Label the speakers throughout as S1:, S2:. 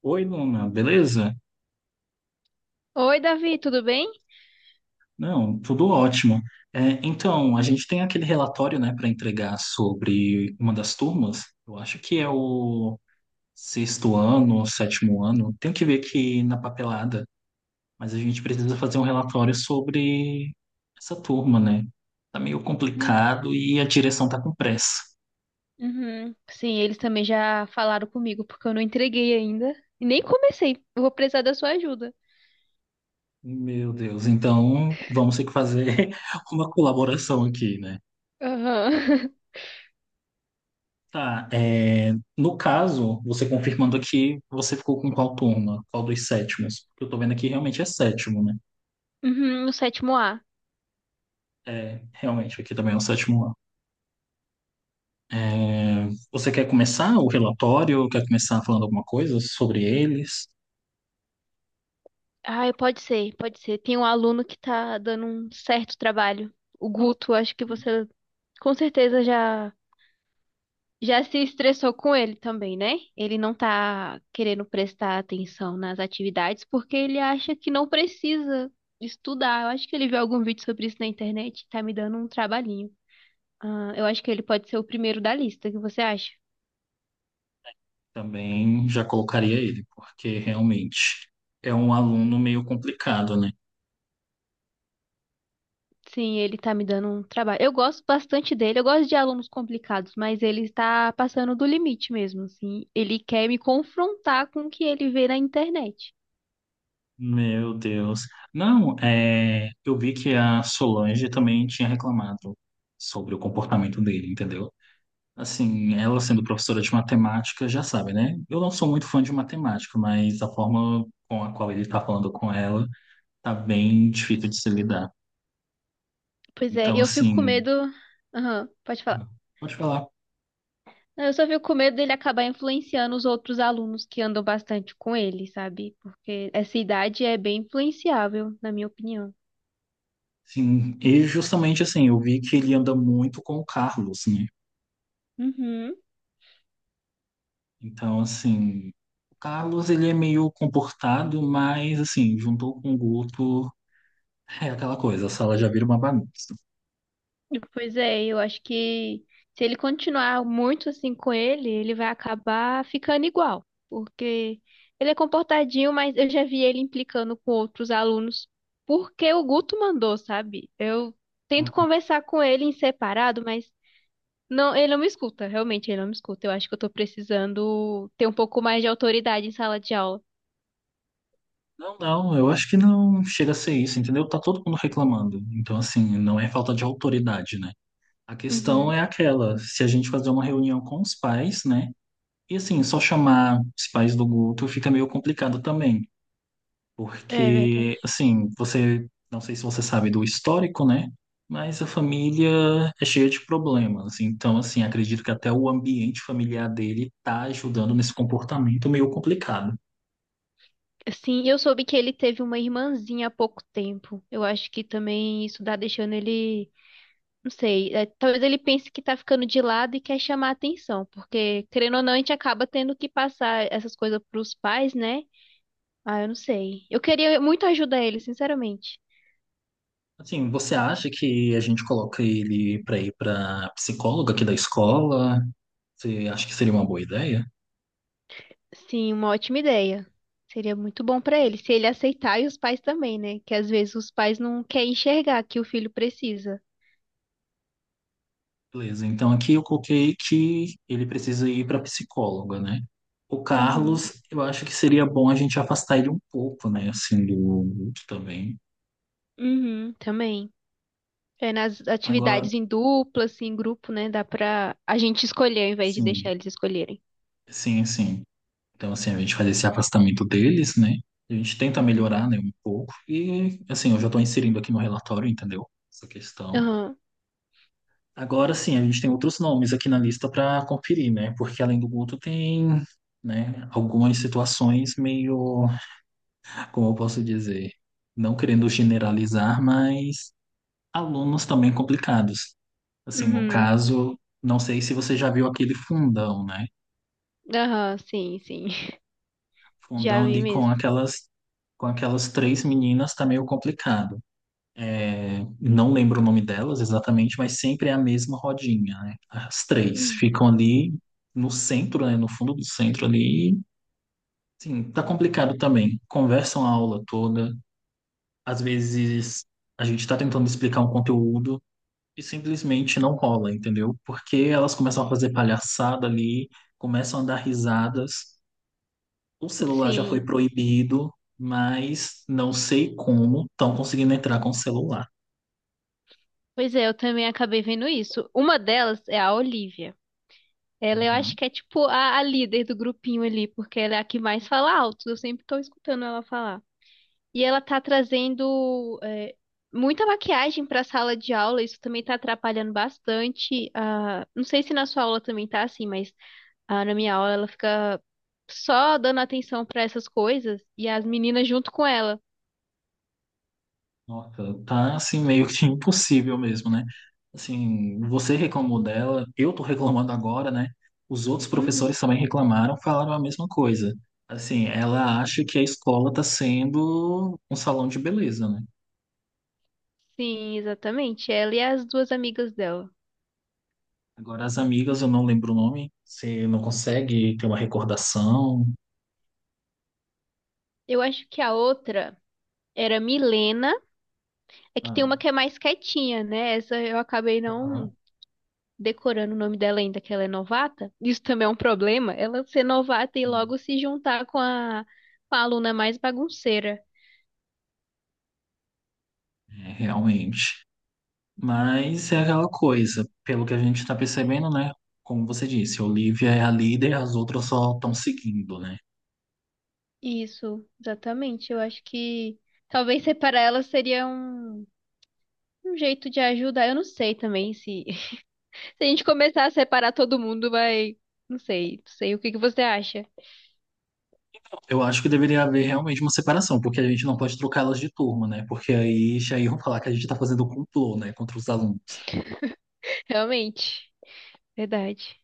S1: Oi, Luna, beleza?
S2: Oi, Davi, tudo bem?
S1: Não, tudo ótimo. Então, a gente tem aquele relatório, né, para entregar sobre uma das turmas. Eu acho que é o sexto ano, sétimo ano. Tenho que ver aqui na papelada, mas a gente precisa fazer um relatório sobre essa turma, né? Tá meio
S2: Hum.
S1: complicado e a direção tá com pressa.
S2: Uhum. Sim, eles também já falaram comigo, porque eu não entreguei ainda. E nem comecei. Eu vou precisar da sua ajuda.
S1: Meu Deus, então vamos ter que fazer uma colaboração aqui, né?
S2: Aham.
S1: Tá. No caso, você confirmando aqui, você ficou com qual turma? Qual dos sétimos? Porque eu tô vendo aqui realmente é sétimo, né?
S2: Uhum, no sétimo A.
S1: É, realmente, aqui também é o sétimo ano. É, você quer começar o relatório? Quer começar falando alguma coisa sobre eles?
S2: Ah, pode ser, pode ser. Tem um aluno que tá dando um certo trabalho. O Guto, acho que você com certeza já. Já se estressou com ele também, né? Ele não tá querendo prestar atenção nas atividades porque ele acha que não precisa estudar. Eu acho que ele viu algum vídeo sobre isso na internet e tá me dando um trabalhinho. Ah, eu acho que ele pode ser o primeiro da lista, o que você acha?
S1: Também já colocaria ele, porque realmente é um aluno meio complicado, né?
S2: Sim, ele tá me dando um trabalho. Eu gosto bastante dele, eu gosto de alunos complicados, mas ele está passando do limite mesmo, assim. Ele quer me confrontar com o que ele vê na internet.
S1: Meu Deus. Não, é, eu vi que a Solange também tinha reclamado sobre o comportamento dele, entendeu? Assim, ela sendo professora de matemática, já sabe, né? Eu não sou muito fã de matemática, mas a forma com a qual ele tá falando com ela tá bem difícil de se lidar.
S2: Pois é,
S1: Então,
S2: eu fico com
S1: assim,
S2: medo. Aham, pode falar.
S1: pode falar.
S2: Eu só fico com medo dele acabar influenciando os outros alunos que andam bastante com ele, sabe? Porque essa idade é bem influenciável, na minha opinião.
S1: Sim, e justamente assim, eu vi que ele anda muito com o Carlos, né?
S2: Uhum.
S1: Então, assim, o Carlos ele é meio comportado, mas assim, juntou com o Guto, é aquela coisa, a sala já vira uma bagunça.
S2: Pois é, eu acho que se ele continuar muito assim com ele, ele vai acabar ficando igual, porque ele é comportadinho, mas eu já vi ele implicando com outros alunos, porque o Guto mandou, sabe? Eu tento conversar com ele em separado, mas não, ele não me escuta, realmente, ele não me escuta. Eu acho que eu tô precisando ter um pouco mais de autoridade em sala de aula.
S1: Não, não, eu acho que não chega a ser isso, entendeu? Tá todo mundo reclamando. Então, assim, não é falta de autoridade, né? A questão
S2: Uhum,
S1: é aquela, se a gente fazer uma reunião com os pais, né? E assim, só chamar os pais do grupo fica meio complicado também,
S2: é
S1: porque
S2: verdade.
S1: assim, você, não sei se você sabe do histórico, né? Mas a família é cheia de problemas. Então, assim, acredito que até o ambiente familiar dele tá ajudando nesse comportamento meio complicado.
S2: Sim, eu soube que ele teve uma irmãzinha há pouco tempo. Eu acho que também isso tá deixando ele, não sei, talvez ele pense que tá ficando de lado e quer chamar atenção, porque querendo ou não, a gente acaba tendo que passar essas coisas pros pais, né? Ah, eu não sei. Eu queria muito ajudar ele, sinceramente.
S1: Assim, você acha que a gente coloca ele para ir para psicóloga aqui da escola? Você acha que seria uma boa ideia?
S2: Sim, uma ótima ideia. Seria muito bom para ele, se ele aceitar e os pais também, né? Que às vezes os pais não querem enxergar que o filho precisa.
S1: Beleza, então aqui eu coloquei que ele precisa ir para psicóloga, né? O
S2: Uhum,
S1: Carlos, eu acho que seria bom a gente afastar ele um pouco, né? Assim, do grupo também.
S2: uhum, também. É nas
S1: Agora,
S2: atividades em dupla, assim, em grupo, né? Dá pra a gente escolher ao invés de
S1: sim,
S2: deixar eles escolherem.
S1: sim, sim. Então, assim, a gente faz esse afastamento deles, né? A gente tenta
S2: Uhum.
S1: melhorar, né, um pouco. E, assim, eu já estou inserindo aqui no relatório, entendeu? Essa questão.
S2: Aham,
S1: Agora sim, a gente tem outros nomes aqui na lista para conferir, né? Porque além do Guto tem, né, algumas situações meio, como eu posso dizer, não querendo generalizar, mas alunos também complicados. Assim, no
S2: uhum.
S1: caso, não sei se você já viu aquele fundão, né?
S2: Aham, sim, sim. Já
S1: Fundão
S2: vi
S1: ali
S2: mesmo.
S1: com aquelas três meninas tá meio complicado. É, não lembro o nome delas exatamente, mas sempre é a mesma rodinha, né? As três
S2: Hum.
S1: ficam ali no centro, né? No fundo do centro ali. E, sim, tá complicado também. Conversam a aula toda. Às vezes a gente tá tentando explicar um conteúdo e simplesmente não rola, entendeu? Porque elas começam a fazer palhaçada ali, começam a dar risadas. O celular já foi
S2: Sim.
S1: proibido, mas não sei como estão conseguindo entrar com o celular.
S2: Pois é, eu também acabei vendo isso. Uma delas é a Olivia. Ela eu acho que é tipo a líder do grupinho ali, porque ela é a que mais fala alto. Eu sempre tô escutando ela falar. E ela tá trazendo muita maquiagem pra sala de aula, isso também tá atrapalhando bastante. Ah, não sei se na sua aula também tá assim, mas ah, na minha aula ela fica só dando atenção pra essas coisas e as meninas junto com ela.
S1: Nossa, tá assim meio que impossível mesmo, né? Assim, você reclamou dela, eu tô reclamando agora, né? Os outros
S2: Uhum.
S1: professores também reclamaram, falaram a mesma coisa. Assim, ela acha que a escola tá sendo um salão de beleza, né?
S2: Sim, exatamente. Ela e as duas amigas dela.
S1: Agora as amigas, eu não lembro o nome, você não consegue ter uma recordação.
S2: Eu acho que a outra era Milena. É que tem
S1: Ah,
S2: uma que é mais quietinha, né? Essa eu acabei não
S1: aham.
S2: decorando o nome dela ainda, que ela é novata. Isso também é um problema, ela ser novata e logo se juntar com com a aluna mais bagunceira.
S1: É, realmente. Mas é aquela coisa, pelo que a gente está percebendo, né? Como você disse, a Olivia é a líder, as outras só estão seguindo, né?
S2: Isso, exatamente. Eu acho que talvez separar ela seria um jeito de ajudar. Eu não sei também se, se a gente começar a separar todo mundo, vai. Não sei, não sei. O que que você acha?
S1: Eu acho que deveria haver realmente uma separação, porque a gente não pode trocá-las de turma, né? Porque aí já iam falar que a gente tá fazendo complô, né, contra os alunos.
S2: Realmente, verdade.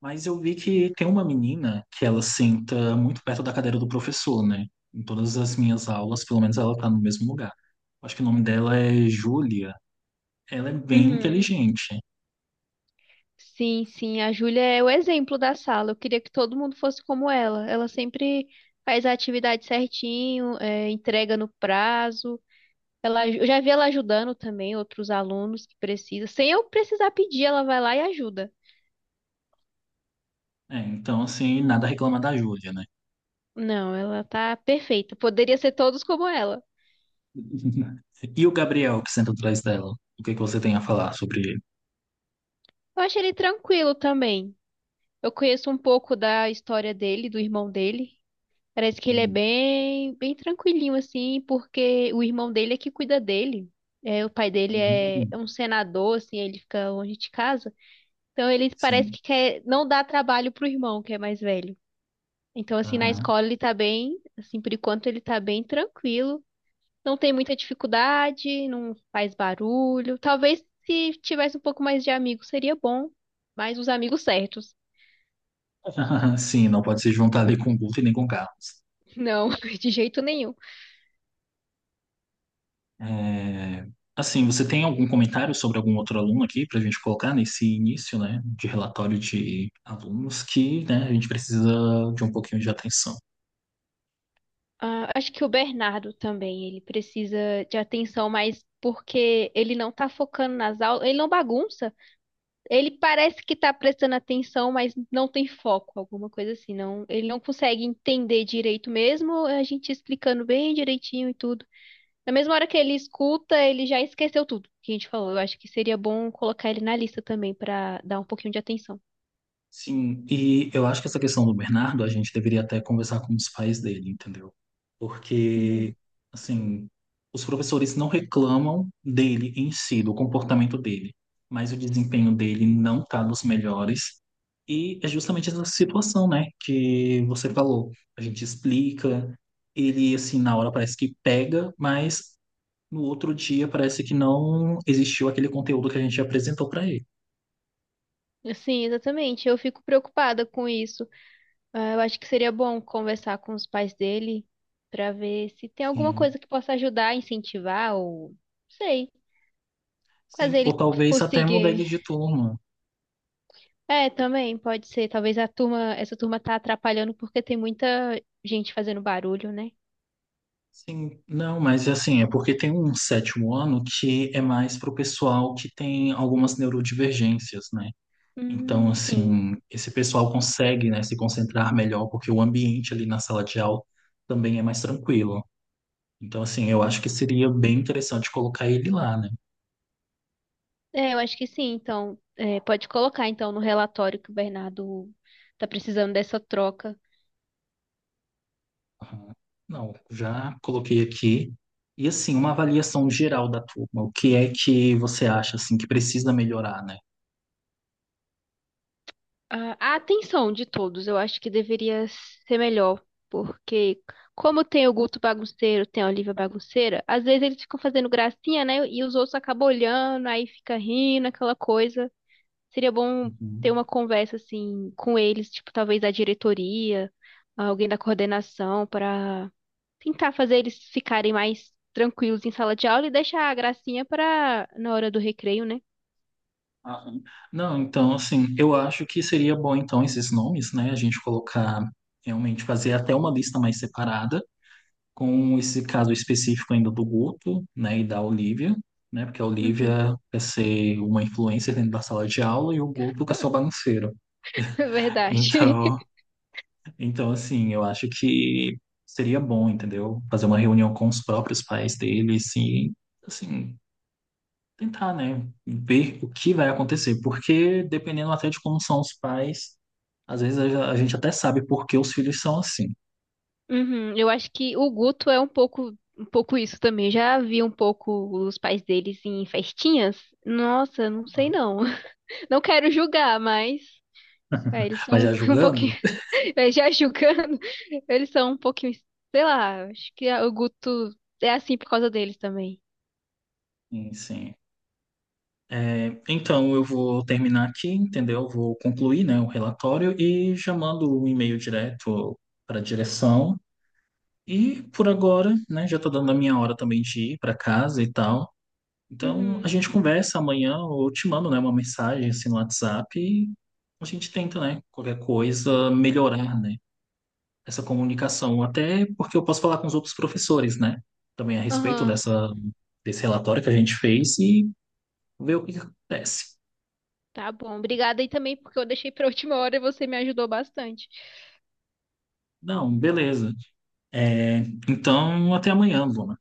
S1: Mas eu vi que tem uma menina que ela senta muito perto da cadeira do professor, né? Em todas as minhas aulas, pelo menos ela tá no mesmo lugar. Acho que o nome dela é Júlia. Ela é bem
S2: Uhum.
S1: inteligente.
S2: Sim, sim, a Júlia é o exemplo da sala. Eu queria que todo mundo fosse como ela. Ela sempre faz a atividade certinho, entrega no prazo. Eu já vi ela ajudando também outros alunos que precisam. Sem eu precisar pedir, ela vai lá e ajuda.
S1: É, então, assim, nada a reclamar da Júlia, né?
S2: Não, ela tá perfeita. Poderia ser todos como ela.
S1: E o Gabriel, que senta atrás dela? O que que você tem a falar sobre ele?
S2: Eu acho ele tranquilo também. Eu conheço um pouco da história dele, do irmão dele. Parece que ele é
S1: Hum,
S2: bem tranquilinho, assim, porque o irmão dele é que cuida dele. É, o pai dele
S1: hum,
S2: é um senador, assim, ele fica longe de casa. Então ele parece
S1: Sim.
S2: que quer não dar trabalho pro irmão, que é mais velho. Então, assim, na escola ele tá bem, assim, por enquanto ele tá bem tranquilo. Não tem muita dificuldade, não faz barulho. Talvez se tivesse um pouco mais de amigos seria bom, mas os amigos certos.
S1: Sim, não pode se juntar ali com o Guto e nem com o Carlos.
S2: Não, de jeito nenhum.
S1: É, assim, você tem algum comentário sobre algum outro aluno aqui para a gente colocar nesse início, né, de relatório de alunos que, né, a gente precisa de um pouquinho de atenção?
S2: Ah, acho que o Bernardo também, ele precisa de atenção, mas porque ele não tá focando nas aulas, ele não bagunça. Ele parece que tá prestando atenção, mas não tem foco, alguma coisa assim. Não, ele não consegue entender direito mesmo, a gente explicando bem direitinho e tudo. Na mesma hora que ele escuta, ele já esqueceu tudo que a gente falou. Eu acho que seria bom colocar ele na lista também para dar um pouquinho de atenção.
S1: Sim, e eu acho que essa questão do Bernardo, a gente deveria até conversar com os pais dele, entendeu? Porque,
S2: Uhum.
S1: assim, os professores não reclamam dele em si, do comportamento dele, mas o desempenho dele não está dos melhores. E é justamente essa situação, né, que você falou. A gente explica, ele, assim, na hora parece que pega, mas no outro dia parece que não existiu aquele conteúdo que a gente apresentou para ele.
S2: Sim, exatamente. Eu fico preocupada com isso. Ah, eu acho que seria bom conversar com os pais dele para ver se tem alguma
S1: Sim.
S2: coisa que possa ajudar, incentivar ou sei, fazer
S1: Sim,
S2: ele
S1: ou talvez até mudar ele
S2: conseguir.
S1: de turma.
S2: É, também pode ser. Talvez a turma, essa turma tá atrapalhando porque tem muita gente fazendo barulho, né?
S1: Sim, não, mas assim, é porque tem um sétimo ano que é mais para o pessoal que tem algumas neurodivergências, né? Então,
S2: Sim.
S1: assim, esse pessoal consegue, né, se concentrar melhor, porque o ambiente ali na sala de aula também é mais tranquilo. Então, assim, eu acho
S2: Uhum.
S1: que seria bem interessante colocar ele lá, né?
S2: É, eu acho que sim. Então, é, pode colocar então no relatório que o Bernardo tá precisando dessa troca.
S1: Aham. Não, já coloquei aqui. E, assim, uma avaliação geral da turma. O que é que você acha, assim, que precisa melhorar, né?
S2: A atenção de todos, eu acho que deveria ser melhor, porque como tem o Guto bagunceiro, tem a Olivia bagunceira, às vezes eles ficam fazendo gracinha, né? E os outros acabam olhando, aí fica rindo, aquela coisa. Seria bom ter
S1: Uhum.
S2: uma conversa assim com eles, tipo, talvez a diretoria, alguém da coordenação, para tentar fazer eles ficarem mais tranquilos em sala de aula e deixar a gracinha para na hora do recreio, né?
S1: Aham. Não, então, assim, eu acho que seria bom, então, esses nomes, né? A gente colocar, realmente, fazer até uma lista mais separada, com esse caso específico ainda do Guto, né? E da Olivia, né? Porque a
S2: Uhum,
S1: Olivia quer ser uma influencer dentro da sala de aula e o Guto quer ser o bagunceiro.
S2: verdade.
S1: Então, então, assim, eu acho que seria bom, entendeu? Fazer uma reunião com os próprios pais deles e, assim, tentar, né, ver o que vai acontecer, porque dependendo até de como são os pais, às vezes a gente até sabe por que os filhos são assim.
S2: Uhum, eu acho que o Guto é um pouco isso também. Já vi um pouco os pais deles em festinhas. Nossa, não sei não. Não quero julgar, mas eles
S1: Mas
S2: são
S1: já
S2: um pouquinho,
S1: julgando?
S2: já julgando, eles são um pouquinho, sei lá, acho que o Guto é assim por causa deles também.
S1: Sim, sim. É, então eu vou terminar aqui, entendeu? Vou concluir, né, o relatório e já mando o e-mail direto para a direção. E por agora, né, já tá dando a minha hora também de ir para casa e tal. Então a
S2: Uhum.
S1: gente conversa amanhã, ou eu te mando, né, uma mensagem assim no WhatsApp. A gente tenta, né? Qualquer coisa, melhorar, né? Essa comunicação. Até porque eu posso falar com os outros professores, né? Também a respeito
S2: Aham.
S1: dessa, desse relatório que a gente fez e ver o que que acontece.
S2: Tá bom. Obrigada aí também porque eu deixei pra última hora e você me ajudou bastante.
S1: Não, beleza. É, então, até amanhã, Bruna.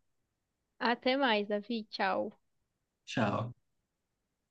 S2: Até mais, Davi. Tchau.
S1: Tchau.